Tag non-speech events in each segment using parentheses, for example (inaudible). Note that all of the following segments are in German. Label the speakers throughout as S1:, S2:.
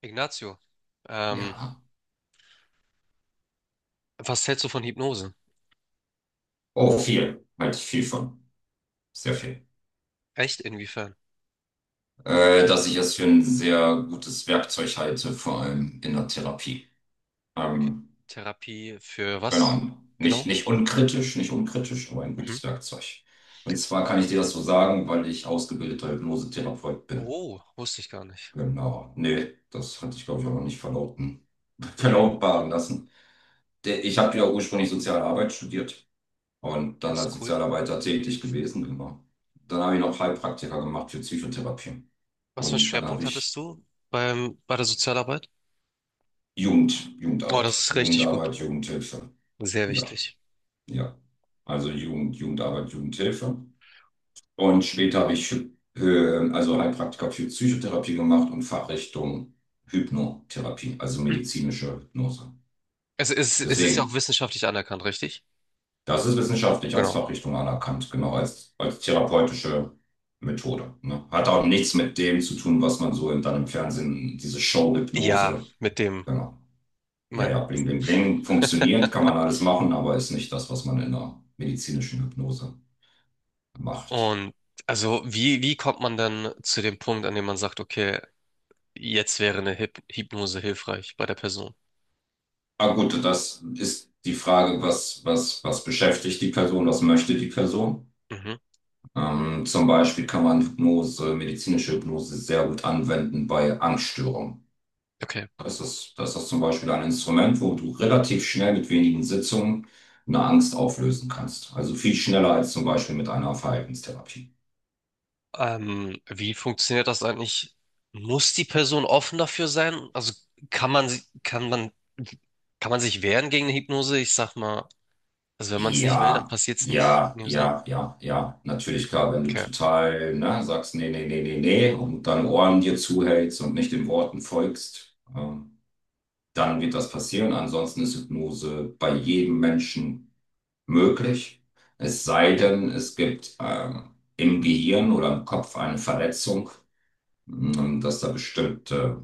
S1: Ignacio, ähm,
S2: Ja.
S1: was hältst du von Hypnose?
S2: Oh, viel. Halte ich viel von. Sehr viel.
S1: Echt? Inwiefern?
S2: Dass ich es für ein sehr gutes Werkzeug halte, vor allem in der Therapie.
S1: Okay.
S2: Ähm,
S1: Therapie für
S2: genau.
S1: was
S2: Nicht,
S1: genau?
S2: nicht unkritisch, nicht unkritisch, aber ein
S1: Mhm.
S2: gutes Werkzeug. Und zwar kann ich dir das so sagen, weil ich ausgebildeter Hypnosetherapeut bin.
S1: Oh, wusste ich gar nicht.
S2: Genau. Nee, das hatte ich, glaube ich, auch noch nicht verlauten, (laughs)
S1: Mhm.
S2: verlautbaren lassen. Ich habe ja ursprünglich Sozialarbeit studiert. Und dann
S1: Das ist
S2: als
S1: cool.
S2: Sozialarbeiter tätig gewesen immer. Dann habe ich noch Heilpraktiker gemacht für Psychotherapie.
S1: Was für einen
S2: Und dann
S1: Schwerpunkt
S2: habe
S1: hattest
S2: ich
S1: du bei der Sozialarbeit?
S2: Jugend,
S1: Oh, das
S2: Jugendarbeit,
S1: ist richtig gut.
S2: Jugendarbeit, Jugendhilfe.
S1: Sehr
S2: Ja,
S1: wichtig.
S2: ja. Also Jugendarbeit, Jugendhilfe. Und später habe ich also Heilpraktiker für Psychotherapie gemacht und Fachrichtung Hypnotherapie, also
S1: (clears throat) Mhm.
S2: medizinische Hypnose.
S1: Es ist ja auch
S2: Deswegen.
S1: wissenschaftlich anerkannt, richtig?
S2: Das ist wissenschaftlich als
S1: Genau.
S2: Fachrichtung anerkannt, genau, als therapeutische Methode. Ne? Hat auch nichts mit dem zu tun, was man so dann im Fernsehen, diese
S1: Ja,
S2: Show-Hypnose,
S1: mit dem,
S2: genau. Ja,
S1: mein.
S2: ja, bling, bling, bling,
S1: (laughs)
S2: funktioniert, kann man alles machen, aber ist nicht das, was man in der medizinischen Hypnose macht.
S1: Und also, wie kommt man dann zu dem Punkt, an dem man sagt, okay, jetzt wäre eine Hypnose hilfreich bei der Person?
S2: Ah, gut, das ist die Frage, was beschäftigt die Person, was möchte die Person?
S1: Mhm.
S2: Zum Beispiel kann man Hypnose, medizinische Hypnose sehr gut anwenden bei Angststörungen.
S1: Okay.
S2: Das ist zum Beispiel ein Instrument, wo du relativ schnell mit wenigen Sitzungen eine Angst auflösen kannst. Also viel schneller als zum Beispiel mit einer Verhaltenstherapie.
S1: Wie funktioniert das eigentlich? Muss die Person offen dafür sein? Also kann man, sie- kann man sich wehren gegen eine Hypnose? Ich sag mal, also wenn man es nicht will, dann
S2: Ja,
S1: passiert es nicht
S2: ja,
S1: in dem Sinne.
S2: ja, ja, ja. Natürlich, klar, wenn du
S1: Okay.
S2: total, ne, sagst, nee, nee, nee, nee, nee, und deine Ohren dir zuhältst und nicht den Worten folgst, dann wird das passieren. Ansonsten ist Hypnose bei jedem Menschen möglich. Es sei
S1: Ja.
S2: denn, es gibt, im Gehirn oder im Kopf eine Verletzung. Und dass da bestimmte,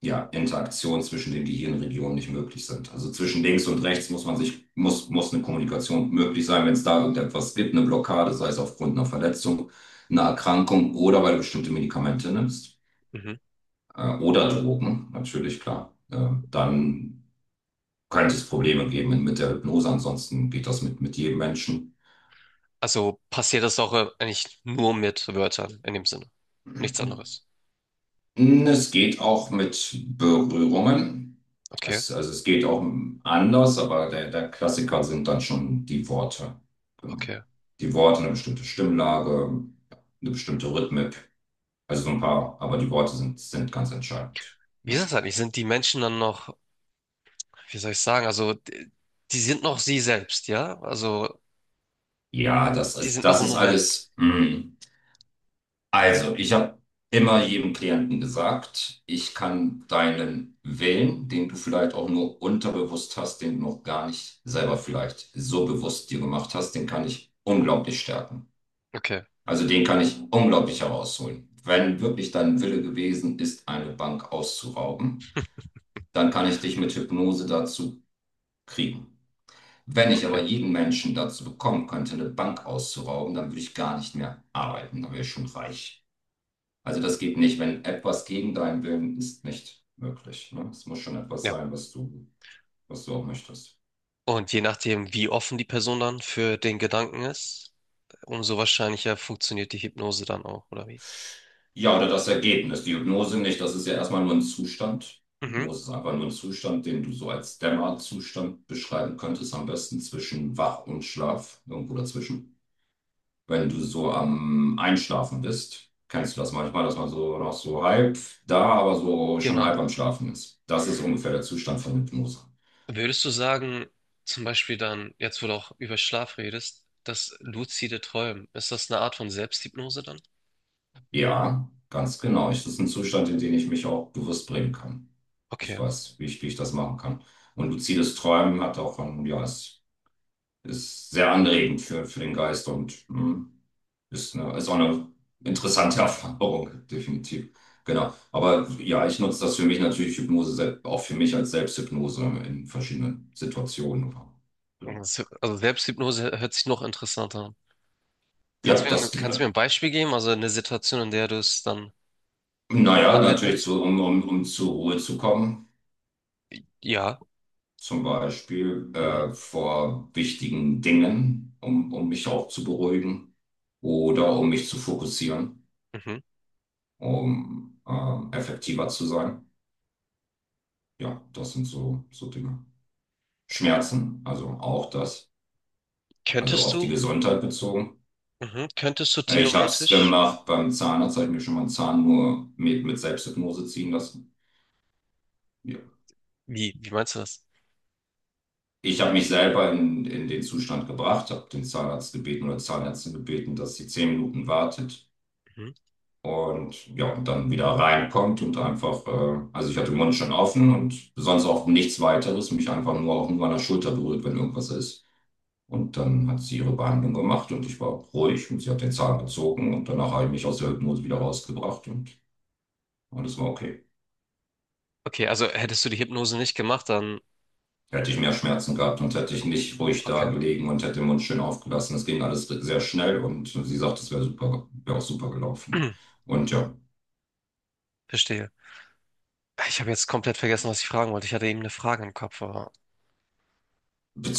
S2: ja, Interaktionen zwischen den Gehirnregionen nicht möglich sind. Also zwischen links und rechts muss eine Kommunikation möglich sein, wenn es da irgendetwas gibt, eine Blockade, sei es aufgrund einer Verletzung, einer Erkrankung oder weil du bestimmte Medikamente nimmst,
S1: Mhm.
S2: oder Drogen, natürlich klar. Dann könnte es Probleme geben mit der Hypnose, ansonsten geht das mit jedem Menschen.
S1: Also passiert das auch eigentlich nur mit Wörtern in dem Sinne. Nichts
S2: (clears throat)
S1: anderes.
S2: Es geht auch mit Berührungen.
S1: Okay.
S2: Also es geht auch anders, aber der Klassiker sind dann schon die Worte. Genau.
S1: Okay.
S2: Die Worte, eine bestimmte Stimmlage, eine bestimmte Rhythmik. Also so ein paar, aber die Worte sind ganz entscheidend.
S1: Wie ist
S2: Ja,
S1: das eigentlich? Sind die Menschen dann noch, wie soll ich sagen? Also die, die sind noch sie selbst, ja? Also
S2: ja, das
S1: die
S2: ist,
S1: sind noch
S2: das
S1: im
S2: ist
S1: Moment.
S2: alles. Mm. Also, ich habe immer jedem Klienten gesagt, ich kann deinen Willen, den du vielleicht auch nur unterbewusst hast, den du noch gar nicht selber vielleicht so bewusst dir gemacht hast, den kann ich unglaublich stärken.
S1: Okay.
S2: Also den kann ich unglaublich herausholen. Wenn wirklich dein Wille gewesen ist, eine Bank auszurauben, dann kann ich dich mit Hypnose dazu kriegen. Wenn ich aber
S1: Okay.
S2: jeden Menschen dazu bekommen könnte, eine Bank auszurauben, dann würde ich gar nicht mehr arbeiten, dann wäre ich schon reich. Also das geht nicht, wenn etwas gegen deinen Willen ist, nicht möglich. Ne? Es muss schon etwas
S1: Ja.
S2: sein, was du auch möchtest.
S1: Und je nachdem, wie offen die Person dann für den Gedanken ist, umso wahrscheinlicher funktioniert die Hypnose dann auch, oder wie?
S2: Ja, oder das Ergebnis. Die Hypnose nicht, das ist ja erstmal nur ein Zustand.
S1: Mhm,
S2: Hypnose ist einfach nur ein Zustand, den du so als Dämmerzustand beschreiben könntest, am besten zwischen Wach und Schlaf, irgendwo dazwischen. Wenn du so am Einschlafen bist, kennst du das manchmal, dass man so noch so halb da, aber so schon
S1: genau.
S2: halb am Schlafen ist. Das ist ungefähr der Zustand von Hypnose.
S1: Würdest du sagen, zum Beispiel dann, jetzt wo du auch über Schlaf redest, das luzide Träumen, ist das eine Art von Selbsthypnose dann?
S2: Ja, ganz genau. Das ist ein Zustand, in den ich mich auch bewusst bringen kann. Ich
S1: Okay.
S2: weiß, wie ich das machen kann. Und luzides Träumen hat auch ein, ja, es ist sehr anregend für den Geist und ist auch eine interessante (laughs) Erfahrung, definitiv. Genau. Aber ja, ich nutze das für mich natürlich, Hypnose, auch für mich als Selbsthypnose in verschiedenen Situationen. Ja,
S1: Das- Also Selbsthypnose hört sich noch interessanter an.
S2: ja,
S1: Kannst du mir ein Beispiel geben, also eine Situation, in der du es dann
S2: naja,
S1: anwenden
S2: natürlich,
S1: würdest?
S2: um zur Ruhe zu kommen.
S1: Ja.
S2: Zum Beispiel
S1: Mhm,
S2: vor wichtigen Dingen, um mich auch zu beruhigen oder um mich zu fokussieren,
S1: mhm.
S2: um effektiver zu sein. Ja, das sind so Dinge. Schmerzen, also auch das, also
S1: Könntest
S2: auf die
S1: du,
S2: Gesundheit bezogen.
S1: mhm, könntest du
S2: Ich habe es
S1: theoretisch,
S2: gemacht beim Zahnarzt, habe ich mir schon mal einen Zahn nur mit Selbsthypnose ziehen lassen. Ja.
S1: wie, wie meinst du das?
S2: Ich habe mich selber in den Zustand gebracht, habe den Zahnarzt gebeten oder Zahnärztin gebeten, dass sie 10 Minuten wartet. Und ja, und dann wieder reinkommt und einfach, also ich hatte den Mund schon offen und sonst auch nichts weiteres, mich einfach nur auch nur an der Schulter berührt, wenn irgendwas ist. Und dann hat sie ihre Behandlung gemacht und ich war ruhig und sie hat den Zahn gezogen und danach habe ich mich aus der Hypnose wieder rausgebracht und alles war okay.
S1: Okay, also hättest du die Hypnose nicht gemacht, dann
S2: Hätte ich mehr Schmerzen gehabt und hätte ich nicht ruhig da
S1: okay,
S2: gelegen und hätte den Mund schön aufgelassen. Es ging alles sehr schnell und sie sagt, es wäre super, wäre auch super gelaufen.
S1: (clears throat)
S2: Und ja,
S1: verstehe. Ich habe jetzt komplett vergessen, was ich fragen wollte. Ich hatte eben eine Frage im Kopf, aber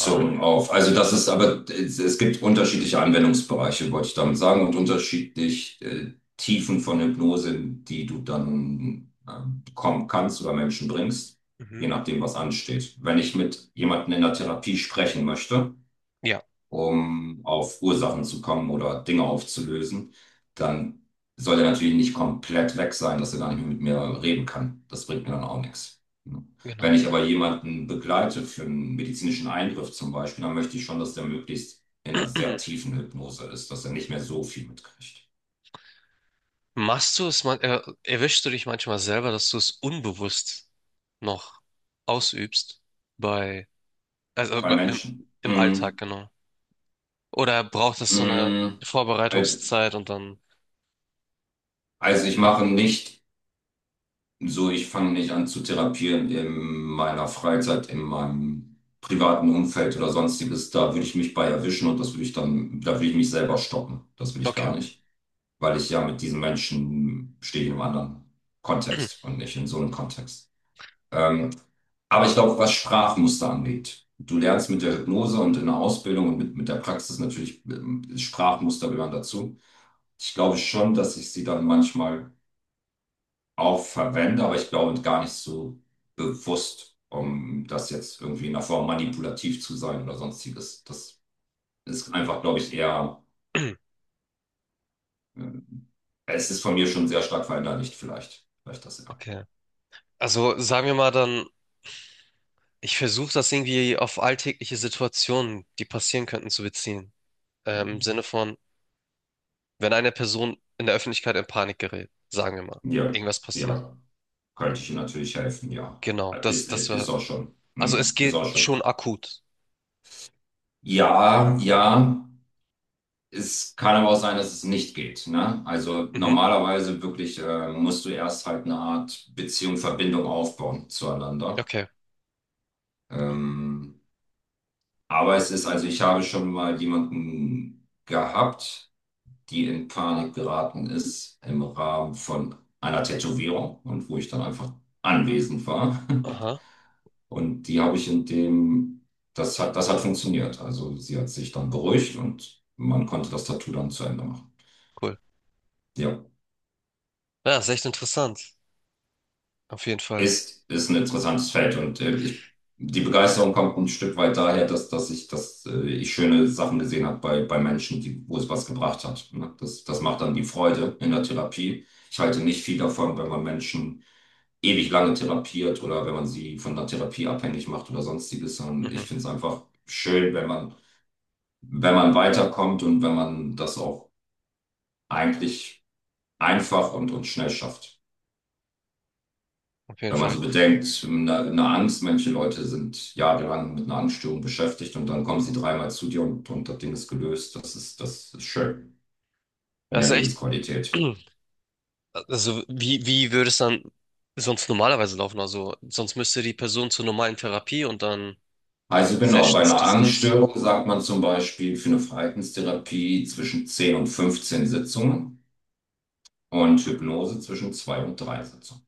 S1: ah,
S2: auf. Also das ist aber, es gibt unterschiedliche Anwendungsbereiche, wollte ich damit sagen, und unterschiedlich Tiefen von Hypnose, die du dann bekommen kannst oder Menschen bringst,
S1: mhm.
S2: je nachdem, was ansteht. Wenn ich mit jemandem in der Therapie sprechen möchte,
S1: Ja,
S2: um auf Ursachen zu kommen oder Dinge aufzulösen, dann soll er natürlich nicht komplett weg sein, dass er gar nicht mehr mit mir reden kann. Das bringt mir dann auch nichts. Wenn
S1: genau.
S2: ich aber jemanden begleite für einen medizinischen Eingriff zum Beispiel, dann möchte ich schon, dass der möglichst in einer sehr
S1: (clears throat)
S2: tiefen Hypnose ist, dass er nicht mehr so viel mitkriegt.
S1: Machst du es man erwischst du dich manchmal selber, dass du es unbewusst noch ausübst bei also
S2: Bei Menschen.
S1: im Alltag, genau. Oder braucht es so eine
S2: Mm, Halt,
S1: Vorbereitungszeit und dann
S2: also ich mache nicht. Ich fange nicht an zu therapieren in meiner Freizeit, in meinem privaten Umfeld oder sonstiges. Da würde ich mich bei erwischen und das würde ich dann, da würde ich mich selber stoppen. Das will ich
S1: okay.
S2: gar nicht, weil ich ja mit diesen Menschen stehe ich in einem anderen
S1: (clears throat)
S2: Kontext und nicht in so einem Kontext. Ähm, aber ich glaube, was Sprachmuster angeht, du lernst mit der Hypnose und in der Ausbildung und mit der Praxis natürlich Sprachmuster gehören dazu. Ich glaube schon, dass ich sie dann manchmal auch verwende, aber ich glaube gar nicht so bewusst, um das jetzt irgendwie in der Form manipulativ zu sein oder sonstiges. Das ist einfach, glaube ich, eher, äh, es ist von mir schon sehr stark verinnerlicht, vielleicht. Vielleicht das ja.
S1: Okay. Also sagen wir mal, dann ich versuche das irgendwie auf alltägliche Situationen, die passieren könnten, zu beziehen. Im Sinne von, wenn eine Person in der Öffentlichkeit in Panik gerät, sagen wir mal,
S2: Ja,
S1: irgendwas passiert.
S2: ja, könnte ich Ihnen natürlich helfen, ja.
S1: Genau, das,
S2: Ist,
S1: das
S2: ist, ist
S1: war.
S2: auch schon.
S1: Also es
S2: Hm, ist
S1: geht
S2: auch schon.
S1: schon akut.
S2: Ja, ja. Es kann aber auch sein, dass es nicht geht. Ne? Also
S1: Mhm.
S2: normalerweise wirklich musst du erst halt eine Art Beziehung, Verbindung aufbauen zueinander.
S1: Okay.
S2: Ähm, aber es ist, also ich habe schon mal jemanden gehabt, die in Panik geraten ist im Rahmen von einer Tätowierung und wo ich dann einfach anwesend war. (laughs)
S1: Aha,
S2: Und die habe ich in dem, das hat funktioniert. Also sie hat sich dann beruhigt und man konnte das Tattoo dann zu Ende machen.
S1: cool.
S2: Ja.
S1: Ja, ist echt interessant. Auf jeden Fall.
S2: Ist ein interessantes Feld und die Begeisterung kommt ein Stück weit daher, dass ich schöne Sachen gesehen habe bei Menschen, wo es was gebracht hat. Ne? Das macht dann die Freude in der Therapie. Ich halte nicht viel davon, wenn man Menschen ewig lange therapiert oder wenn man sie von der Therapie abhängig macht oder sonstiges, sondern
S1: Mhm,
S2: ich finde es einfach schön, wenn man, wenn man weiterkommt und wenn man das auch eigentlich einfach und schnell schafft.
S1: auf jeden
S2: Wenn man
S1: Fall.
S2: so bedenkt, eine Angst, manche Leute sind jahrelang mit einer Angststörung beschäftigt und dann kommen sie dreimal zu dir und das Ding ist gelöst. Das ist schön. Mehr
S1: Das ist echt.
S2: Lebensqualität.
S1: (clears throat) Also, wie, wie würde es dann sonst normalerweise laufen? Also, sonst müsste die Person zur normalen Therapie und dann
S2: Also genau, bei
S1: Sessions,
S2: einer
S1: dies, das.
S2: Angststörung sagt man zum Beispiel für eine Verhaltenstherapie zwischen 10 und 15 Sitzungen und Hypnose zwischen 2 und 3 Sitzungen.